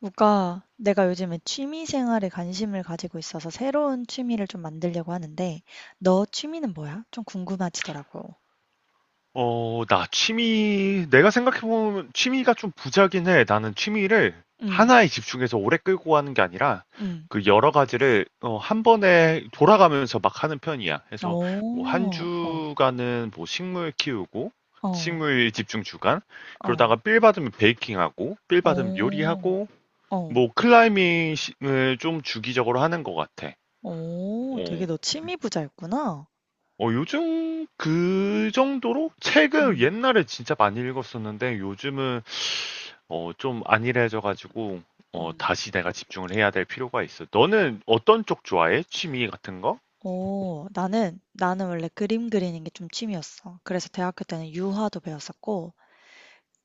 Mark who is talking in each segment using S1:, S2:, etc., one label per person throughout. S1: 누가 내가 요즘에 취미 생활에 관심을 가지고 있어서 새로운 취미를 좀 만들려고 하는데 "너 취미는 뭐야?" 좀 궁금해지더라고.
S2: 나 취미, 내가 생각해보면 취미가 좀 부자긴 해. 나는 취미를
S1: 응,
S2: 하나에 집중해서 오래 끌고 가는 게 아니라
S1: 응.
S2: 그 여러 가지를 한 번에 돌아가면서 막 하는 편이야. 그래서 뭐 한
S1: 오, 어.
S2: 주간은 뭐 식물 키우고,
S1: 어.
S2: 식물 집중 주간, 그러다가
S1: 어.
S2: 빌 받으면 베이킹하고, 빌 받으면
S1: 어.
S2: 요리하고,
S1: 어.
S2: 뭐 클라이밍을 좀 주기적으로 하는 것 같아.
S1: 어. 되게
S2: 어.
S1: 너 취미 부자였구나.
S2: 요즘 그 정도로 책을
S1: 응,
S2: 옛날에 진짜 많이 읽었었는데 요즘은 좀 안일해져가지고
S1: 응.
S2: 다시 내가 집중을 해야 될 필요가 있어. 너는 어떤 쪽 좋아해? 취미 같은 거?
S1: 오, 나는 원래 그림 그리는 게 좀 취미였어. 그래서 대학교 때는 유화도 배웠었고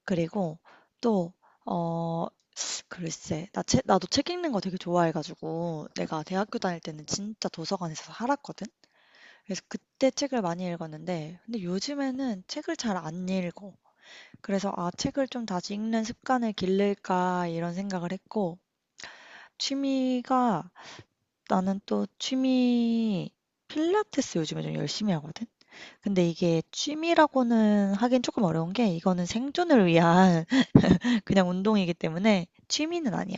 S1: 그리고 또어 글쎄, 나도 책 읽는 거 되게 좋아해가지고, 내가 대학교 다닐 때는 진짜 도서관에서 살았거든? 그래서 그때 책을 많이 읽었는데, 근데 요즘에는 책을 잘 안 읽어. 그래서, 아, 책을 좀 다시 읽는 습관을 기를까, 이런 생각을 했고, 취미가, 나는 또 취미, 필라테스 요즘에 좀 열심히 하거든? 근데 이게 취미라고는 하긴 조금 어려운 게, 이거는 생존을 위한 그냥 운동이기 때문에 취미는 아니야.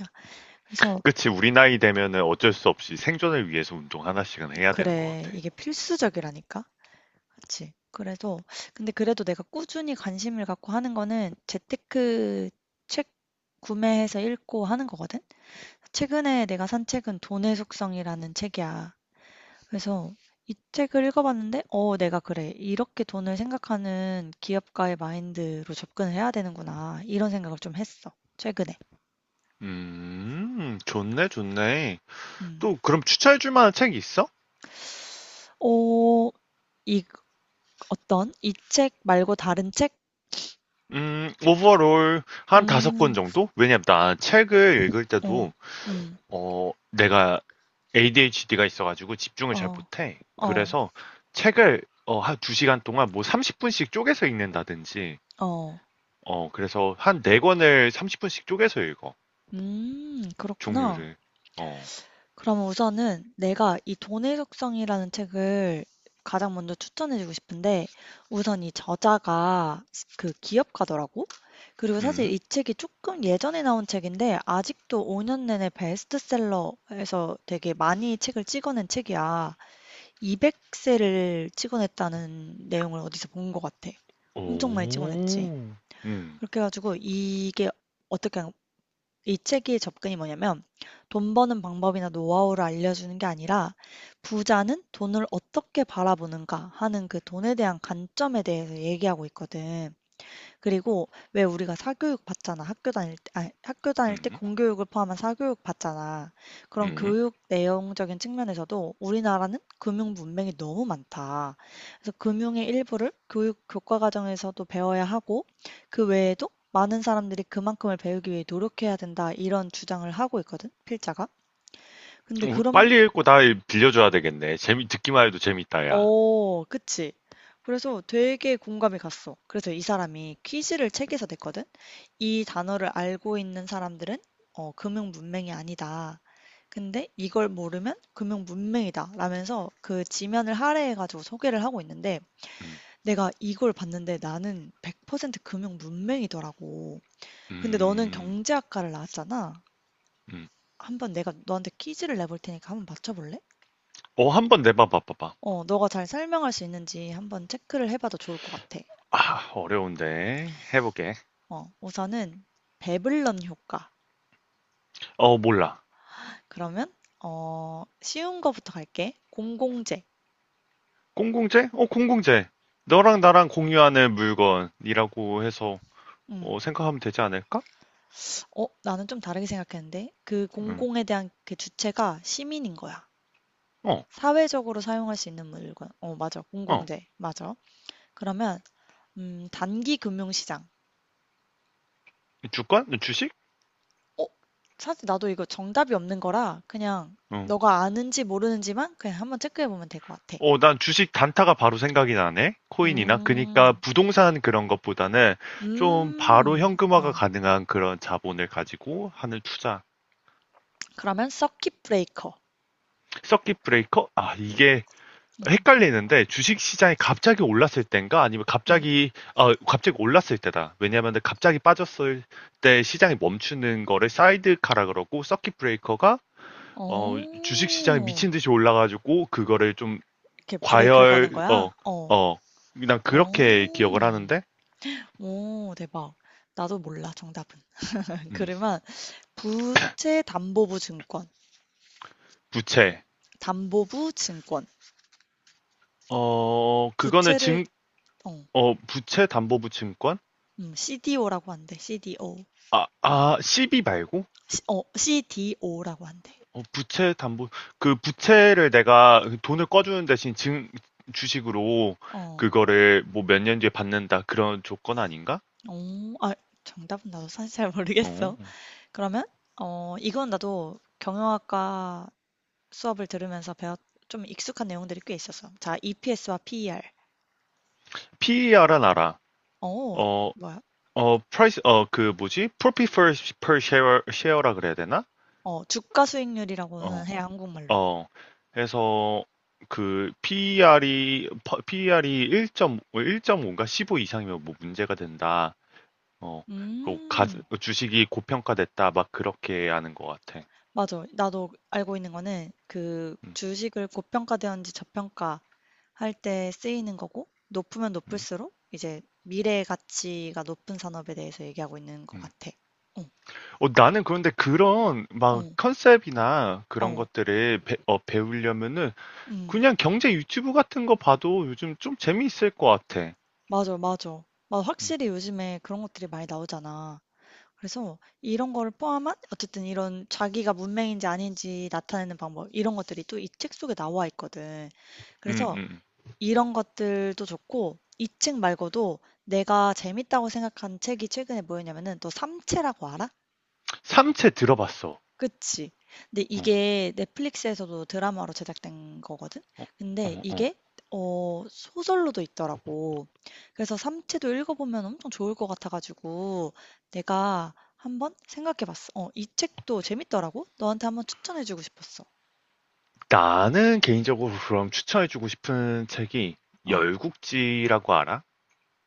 S1: 그래서
S2: 그치, 우리 나이 되면은 어쩔 수 없이 생존을 위해서 운동 하나씩은 해야 되는 것
S1: 그래.
S2: 같아.
S1: 이게 필수적이라니까. 그치? 그래서 근데 그래도 내가 꾸준히 관심을 갖고 하는 거는 재테크 책 구매해서 읽고 하는 거거든. 최근에 내가 산 책은 돈의 속성이라는 책이야. 그래서 이 책을 읽어봤는데, 어, 내가 그래. 이렇게 돈을 생각하는 기업가의 마인드로 접근을 해야 되는구나. 이런 생각을 좀 했어. 최근에.
S2: 좋네, 좋네.
S1: 음.
S2: 또 그럼 추천해줄 만한 책이 있어?
S1: 어, 이 어떤? 이 책 말고 다른 책?
S2: 오버롤 한 다섯 권
S1: 음,
S2: 정도? 왜냐면 나 책을 읽을
S1: 어,
S2: 때도
S1: 음.
S2: 내가 ADHD가 있어가지고 집중을 잘
S1: 어,
S2: 못해.
S1: 어,
S2: 그래서 책을 한 2시간 동안 뭐 30분씩 쪼개서 읽는다든지,
S1: 어.
S2: 그래서 한 4권을 30분씩 쪼개서 읽어.
S1: 그렇구나.
S2: 종류를. 어,
S1: 그러면 우선은 내가 이 돈의 속성이라는 책을 가장 먼저 추천해주고 싶은데, 우선 이 저자가 그 기업가더라고? 그리고 사실
S2: 음,
S1: 이 책이 조금 예전에 나온 책인데, 아직도 5년 내내 베스트셀러에서 되게 많이 책을 찍어낸 책이야. 200세를 찍어냈다는 내용을 어디서 본 것 같아.
S2: 오,
S1: 엄청 많이 찍어냈지.
S2: 음,
S1: 그렇게 해가지고 이게 어떻게 이 책의 접근이 뭐냐면 돈 버는 방법이나 노하우를 알려주는 게 아니라 부자는 돈을 어떻게 바라보는가 하는 그 돈에 대한 관점에 대해서 얘기하고 있거든. 그리고 왜 우리가 사교육 받잖아. 학교 다닐 때, 아니, 학교 다닐 때
S2: 음,
S1: 공교육을 포함한 사교육 받잖아. 그런
S2: 음.
S1: 교육 내용적인 측면에서도 우리나라는 금융 문맹이 너무 많다. 그래서 금융의 일부를 교육 교과 과정에서도 배워야 하고 그 외에도 많은 사람들이 그만큼을 배우기 위해 노력해야 된다. 이런 주장을 하고 있거든, 필자가. 근데 그런
S2: 빨리 읽고 다 빌려줘야 되겠네. 듣기만 해도 재밌다, 야.
S1: 어 그치. 그래서 되게 공감이 갔어. 그래서 이 사람이 퀴즈를 책에서 냈거든. 이 단어를 알고 있는 사람들은 금융 문맹이 아니다. 근데 이걸 모르면 금융 문맹이다. 라면서 그 지면을 할애해가지고 소개를 하고 있는데
S2: 음,
S1: 내가 이걸 봤는데 나는 100% 금융 문맹이더라고. 근데 너는
S2: 음,
S1: 경제학과를 나왔잖아.
S2: 음.
S1: 한번 내가 너한테 퀴즈를 내볼 테니까 한번 맞춰볼래?
S2: 어, 한번 내봐, 봐봐봐.
S1: 어, 너가 잘 설명할 수 있는지 한번 체크를 해봐도 좋을 것 같아.
S2: 아, 어려운데. 해볼게.
S1: 어, 우선은 배블런 효과.
S2: 어, 몰라.
S1: 그러면 쉬운 거부터 갈게. 공공재.
S2: 공공재? 공공재. 너랑 나랑 공유하는 물건이라고 해서
S1: 음.
S2: 생각하면 되지 않을까?
S1: 어, 나는 좀 다르게 생각했는데 그
S2: 응.
S1: 공공에 대한 그 주체가 시민인 거야.
S2: 어,
S1: 사회적으로 사용할 수 있는 물건. 어, 맞아.
S2: 어.
S1: 공공재. 맞아. 그러면 단기 금융시장.
S2: 주권? 주식?
S1: 어, 사실 나도 이거 정답이 없는 거라 그냥
S2: 응.
S1: 너가 아는지 모르는지만 그냥 한번 체크해 보면 될 것 같아.
S2: 어, 난 주식 단타가 바로 생각이 나네. 코인이나.
S1: 음.
S2: 그니까 부동산 그런 것보다는 좀 바로
S1: 음.
S2: 현금화가
S1: 어.
S2: 가능한 그런 자본을 가지고 하는 투자.
S1: 그러면 서킷 브레이커.
S2: 서킷 브레이커? 아, 이게
S1: 음.
S2: 헷갈리는데 주식 시장이 갑자기 올랐을 때인가 아니면
S1: 응.
S2: 갑자기 갑자기 올랐을 때다. 왜냐하면 갑자기 빠졌을 때 시장이 멈추는 거를 사이드카라 그러고, 서킷 브레이커가 어 주식 시장이
S1: 어.
S2: 미친 듯이 올라가지고 그거를 좀
S1: 이렇게 브레이크를 거는
S2: 과열,
S1: 거야? 어.
S2: 어어 그냥
S1: 어.
S2: 그렇게 기억을 하는데.
S1: 오, 대박. 나도 몰라, 정답은.
S2: 음,
S1: 그러면 부채 담보부 증권.
S2: 부채
S1: 담보부 증권.
S2: 어 그거는
S1: 부채를
S2: 증
S1: 어.
S2: 어 부채 담보부 증권,
S1: CDO라고 한대. CDO.
S2: 아, CB 말고.
S1: CDO라고 한대.
S2: 부채 담보, 그 부채를 내가 돈을 꺼주는 대신 증, 주식으로
S1: 어.
S2: 그거를 뭐 몇 년 뒤에 받는다. 그런 조건 아닌가?
S1: 오, 아, 정답은 나도 사실 잘 모르겠어.
S2: 어.
S1: 그러면 어, 이건 나도 경영학과 수업을 들으면서 배웠 좀 익숙한 내용들이 꽤 있었어. 자, EPS와 PER.
S2: PER은 알아.
S1: 어,
S2: 어,
S1: 뭐야?
S2: price, 그 뭐지? Profit per share라 그래야 되나?
S1: 어, 주가
S2: 어,
S1: 수익률이라고는 해, 한국말로.
S2: 어. 해서 그 PER이 1.5, 1.5인가? 15 이상이면 뭐 문제가 된다. 어, 그 가,
S1: 음,
S2: 주식이 고평가됐다. 막 그렇게 하는 것 같아.
S1: 맞아. 나도 알고 있는 거는 그
S2: 음,
S1: 주식을 고평가되었는지 저평가 할 때 쓰이는 거고, 높으면
S2: 음.
S1: 높을수록 이제 미래 가치가 높은 산업에 대해서 얘기하고 있는 것
S2: 음.
S1: 같아. 어,
S2: 나는 그런데 그런 막
S1: 어,
S2: 컨셉이나 그런
S1: 어,
S2: 것들을 배우려면은
S1: 음,
S2: 그냥 경제 유튜브 같은 거 봐도 요즘 좀 재미있을 것 같아.
S1: 맞아, 맞아. 맞아.
S2: 음,
S1: 확실히 요즘에 그런 것들이 많이 나오잖아. 그래서 이런 거를 포함한 어쨌든 이런 자기가 문맹인지 아닌지 나타내는 방법 이런 것들이 또 이 책 속에 나와 있거든.
S2: 음,
S1: 그래서
S2: 음.
S1: 이런 것들도 좋고 이 책 말고도 내가 재밌다고 생각한 책이 최근에 뭐였냐면은 너 삼체라고 알아?
S2: 삼체 들어봤어.
S1: 그치. 근데
S2: 어,
S1: 이게 넷플릭스에서도 드라마로 제작된 거거든?
S2: 어,
S1: 근데
S2: 어, 어.
S1: 이게 어, 소설로도 있더라고. 그래서 삼체도 읽어보면 엄청 좋을 것 같아가지고 내가 한번 생각해봤어. 어, 이 책도 재밌더라고? 너한테 한번 추천해주고 싶었어.
S2: 나는 개인적으로 그럼 추천해주고 싶은 책이,
S1: 어,
S2: 열국지라고 알아?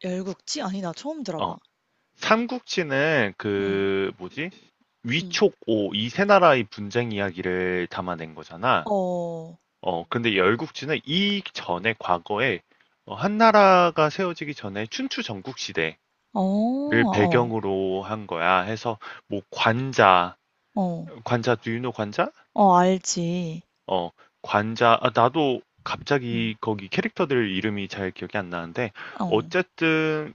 S1: 열국지? 아니, 나 처음
S2: 어,
S1: 들어봐.
S2: 삼국지는,
S1: 응,
S2: 그 뭐지?
S1: 응.
S2: 위촉오 이세 나라의 분쟁 이야기를 담아낸 거잖아.
S1: 어,
S2: 근데 열국지는 이 전에 과거에 한나라가 세워지기 전에 춘추 전국 시대를
S1: 어, 어,
S2: 배경으로 한 거야. 해서 뭐 관자,
S1: 어,
S2: 관자 do you know 관자?
S1: 어, 알지.
S2: 어, 관자. 아, 나도
S1: 응,
S2: 갑자기 거기 캐릭터들 이름이 잘 기억이 안 나는데,
S1: 어,
S2: 어쨌든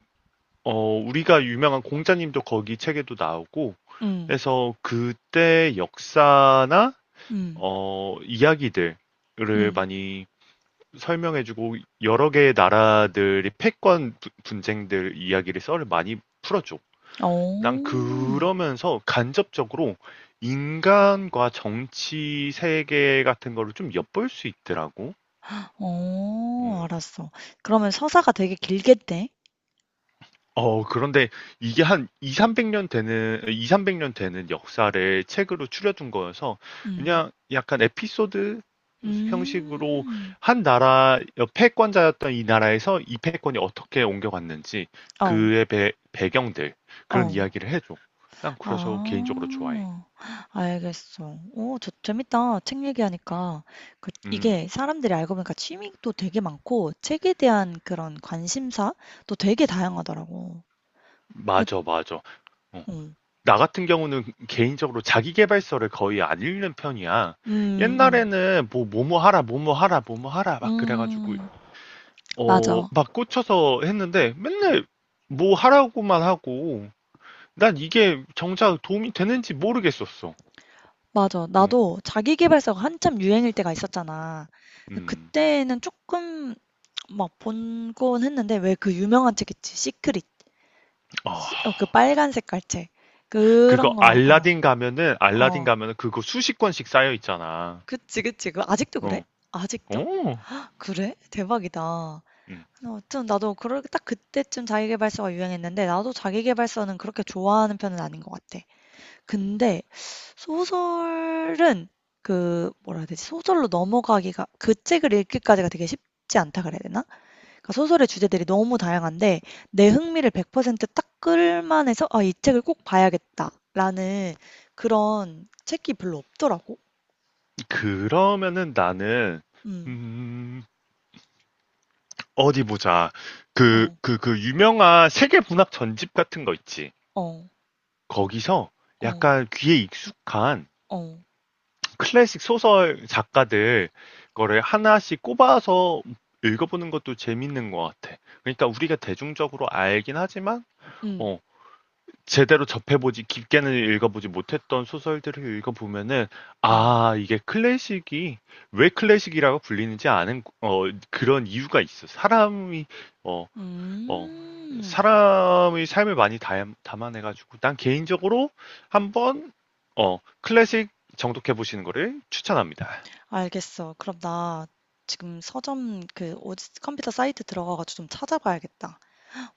S2: 우리가 유명한 공자님도 거기 책에도 나오고
S1: 응,
S2: 해서, 그때 역사나
S1: 응,
S2: 이야기들을
S1: 응,
S2: 많이 설명해주고, 여러 개의 나라들이 패권 분쟁들 이야기를, 썰을 많이 풀어줘. 난
S1: 어.
S2: 그러면서 간접적으로 인간과 정치 세계 같은 거를 좀 엿볼 수 있더라고.
S1: 어
S2: 음.
S1: 알았어. 그러면 서사가 되게 길겠네.
S2: 그런데 이게 한 2, 300년 되는 역사를 책으로 추려둔 거여서
S1: 음.
S2: 그냥 약간 에피소드 형식으로,
S1: 음.
S2: 한 나라 패권자였던 이 나라에서 이 패권이 어떻게 옮겨갔는지,
S1: 어.
S2: 그의 배경들, 그런
S1: 어.
S2: 이야기를 해줘. 난 그래서 개인적으로 좋아해.
S1: 아. 알겠어. 오, 저 재밌다. 책 얘기하니까. 그
S2: 음,
S1: 이게 사람들이 알고 보니까 취미도 되게 많고 책에 대한 그런 관심사도 되게 다양하더라고. 그
S2: 맞아, 맞아. 어,
S1: 음.
S2: 나 같은 경우는 개인적으로 자기계발서를 거의 안 읽는 편이야.
S1: 음. 음.
S2: 옛날에는 뭐 뭐뭐 하라, 뭐뭐 하라, 뭐뭐 하라 막 그래가지고
S1: 음. 맞아.
S2: 막 꽂혀서 했는데, 맨날 뭐 하라고만 하고 난 이게 정작 도움이 되는지 모르겠었어.
S1: 맞아.
S2: 어.
S1: 나도 자기계발서가 한참 유행일 때가 있었잖아.
S2: 음.
S1: 그때는 조금 막 본곤 했는데 왜 그 유명한 책 있지? 시크릿.
S2: 아,
S1: 그 빨간 색깔 책.
S2: 그거
S1: 그런 거, 어,
S2: 알라딘 가면은 알라딘
S1: 어.
S2: 가면은 그거 수십 권씩 쌓여 있잖아.
S1: 그치, 그치. 그 아직도 그래?
S2: 어.
S1: 아직도?
S2: 오.
S1: 그래? 대박이다.
S2: 음.
S1: 아무튼 나도 그럴 딱 그때쯤 자기계발서가 유행했는데 나도 자기계발서는 그렇게 좋아하는 편은 아닌 것 같아. 근데 소설은 그 뭐라 해야 되지? 소설로 넘어가기가 그 책을 읽기까지가 되게 쉽지 않다 그래야 되나? 그러니까 소설의 주제들이 너무 다양한데 내 흥미를 100%딱 끌만해서 '아 이 책을 꼭 봐야겠다.'라는 그런 책이 별로 없더라고. 음.
S2: 그러면은 나는,
S1: 음.
S2: 음, 어디 보자.
S1: 어.
S2: 그 유명한 세계 문학 전집 같은 거 있지.
S1: 어.
S2: 거기서
S1: 어.
S2: 약간 귀에 익숙한
S1: 어.
S2: 클래식 소설 작가들 거를 하나씩 꼽아서 읽어보는 것도 재밌는 것 같아. 그러니까 우리가 대중적으로 알긴 하지만,
S1: 음.
S2: 어, 제대로 접해보지, 깊게는 읽어보지 못했던 소설들을 읽어보면은,
S1: 음.
S2: 아 이게 클래식이 왜 클래식이라고 불리는지 아는, 그런 이유가 있어. 사람이 어, 어,
S1: 음.
S2: 사람의 삶을 많이 담아내가지고, 난 개인적으로 한번 클래식 정독해 보시는 거를 추천합니다.
S1: 알겠어. 그럼 나 지금 서점 그 어디 컴퓨터 사이트 들어가 가지고 좀 찾아봐야겠다.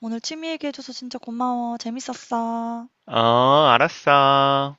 S1: 오늘 취미 얘기해 줘서 진짜 고마워. 재밌었어.
S2: 어, 알았어.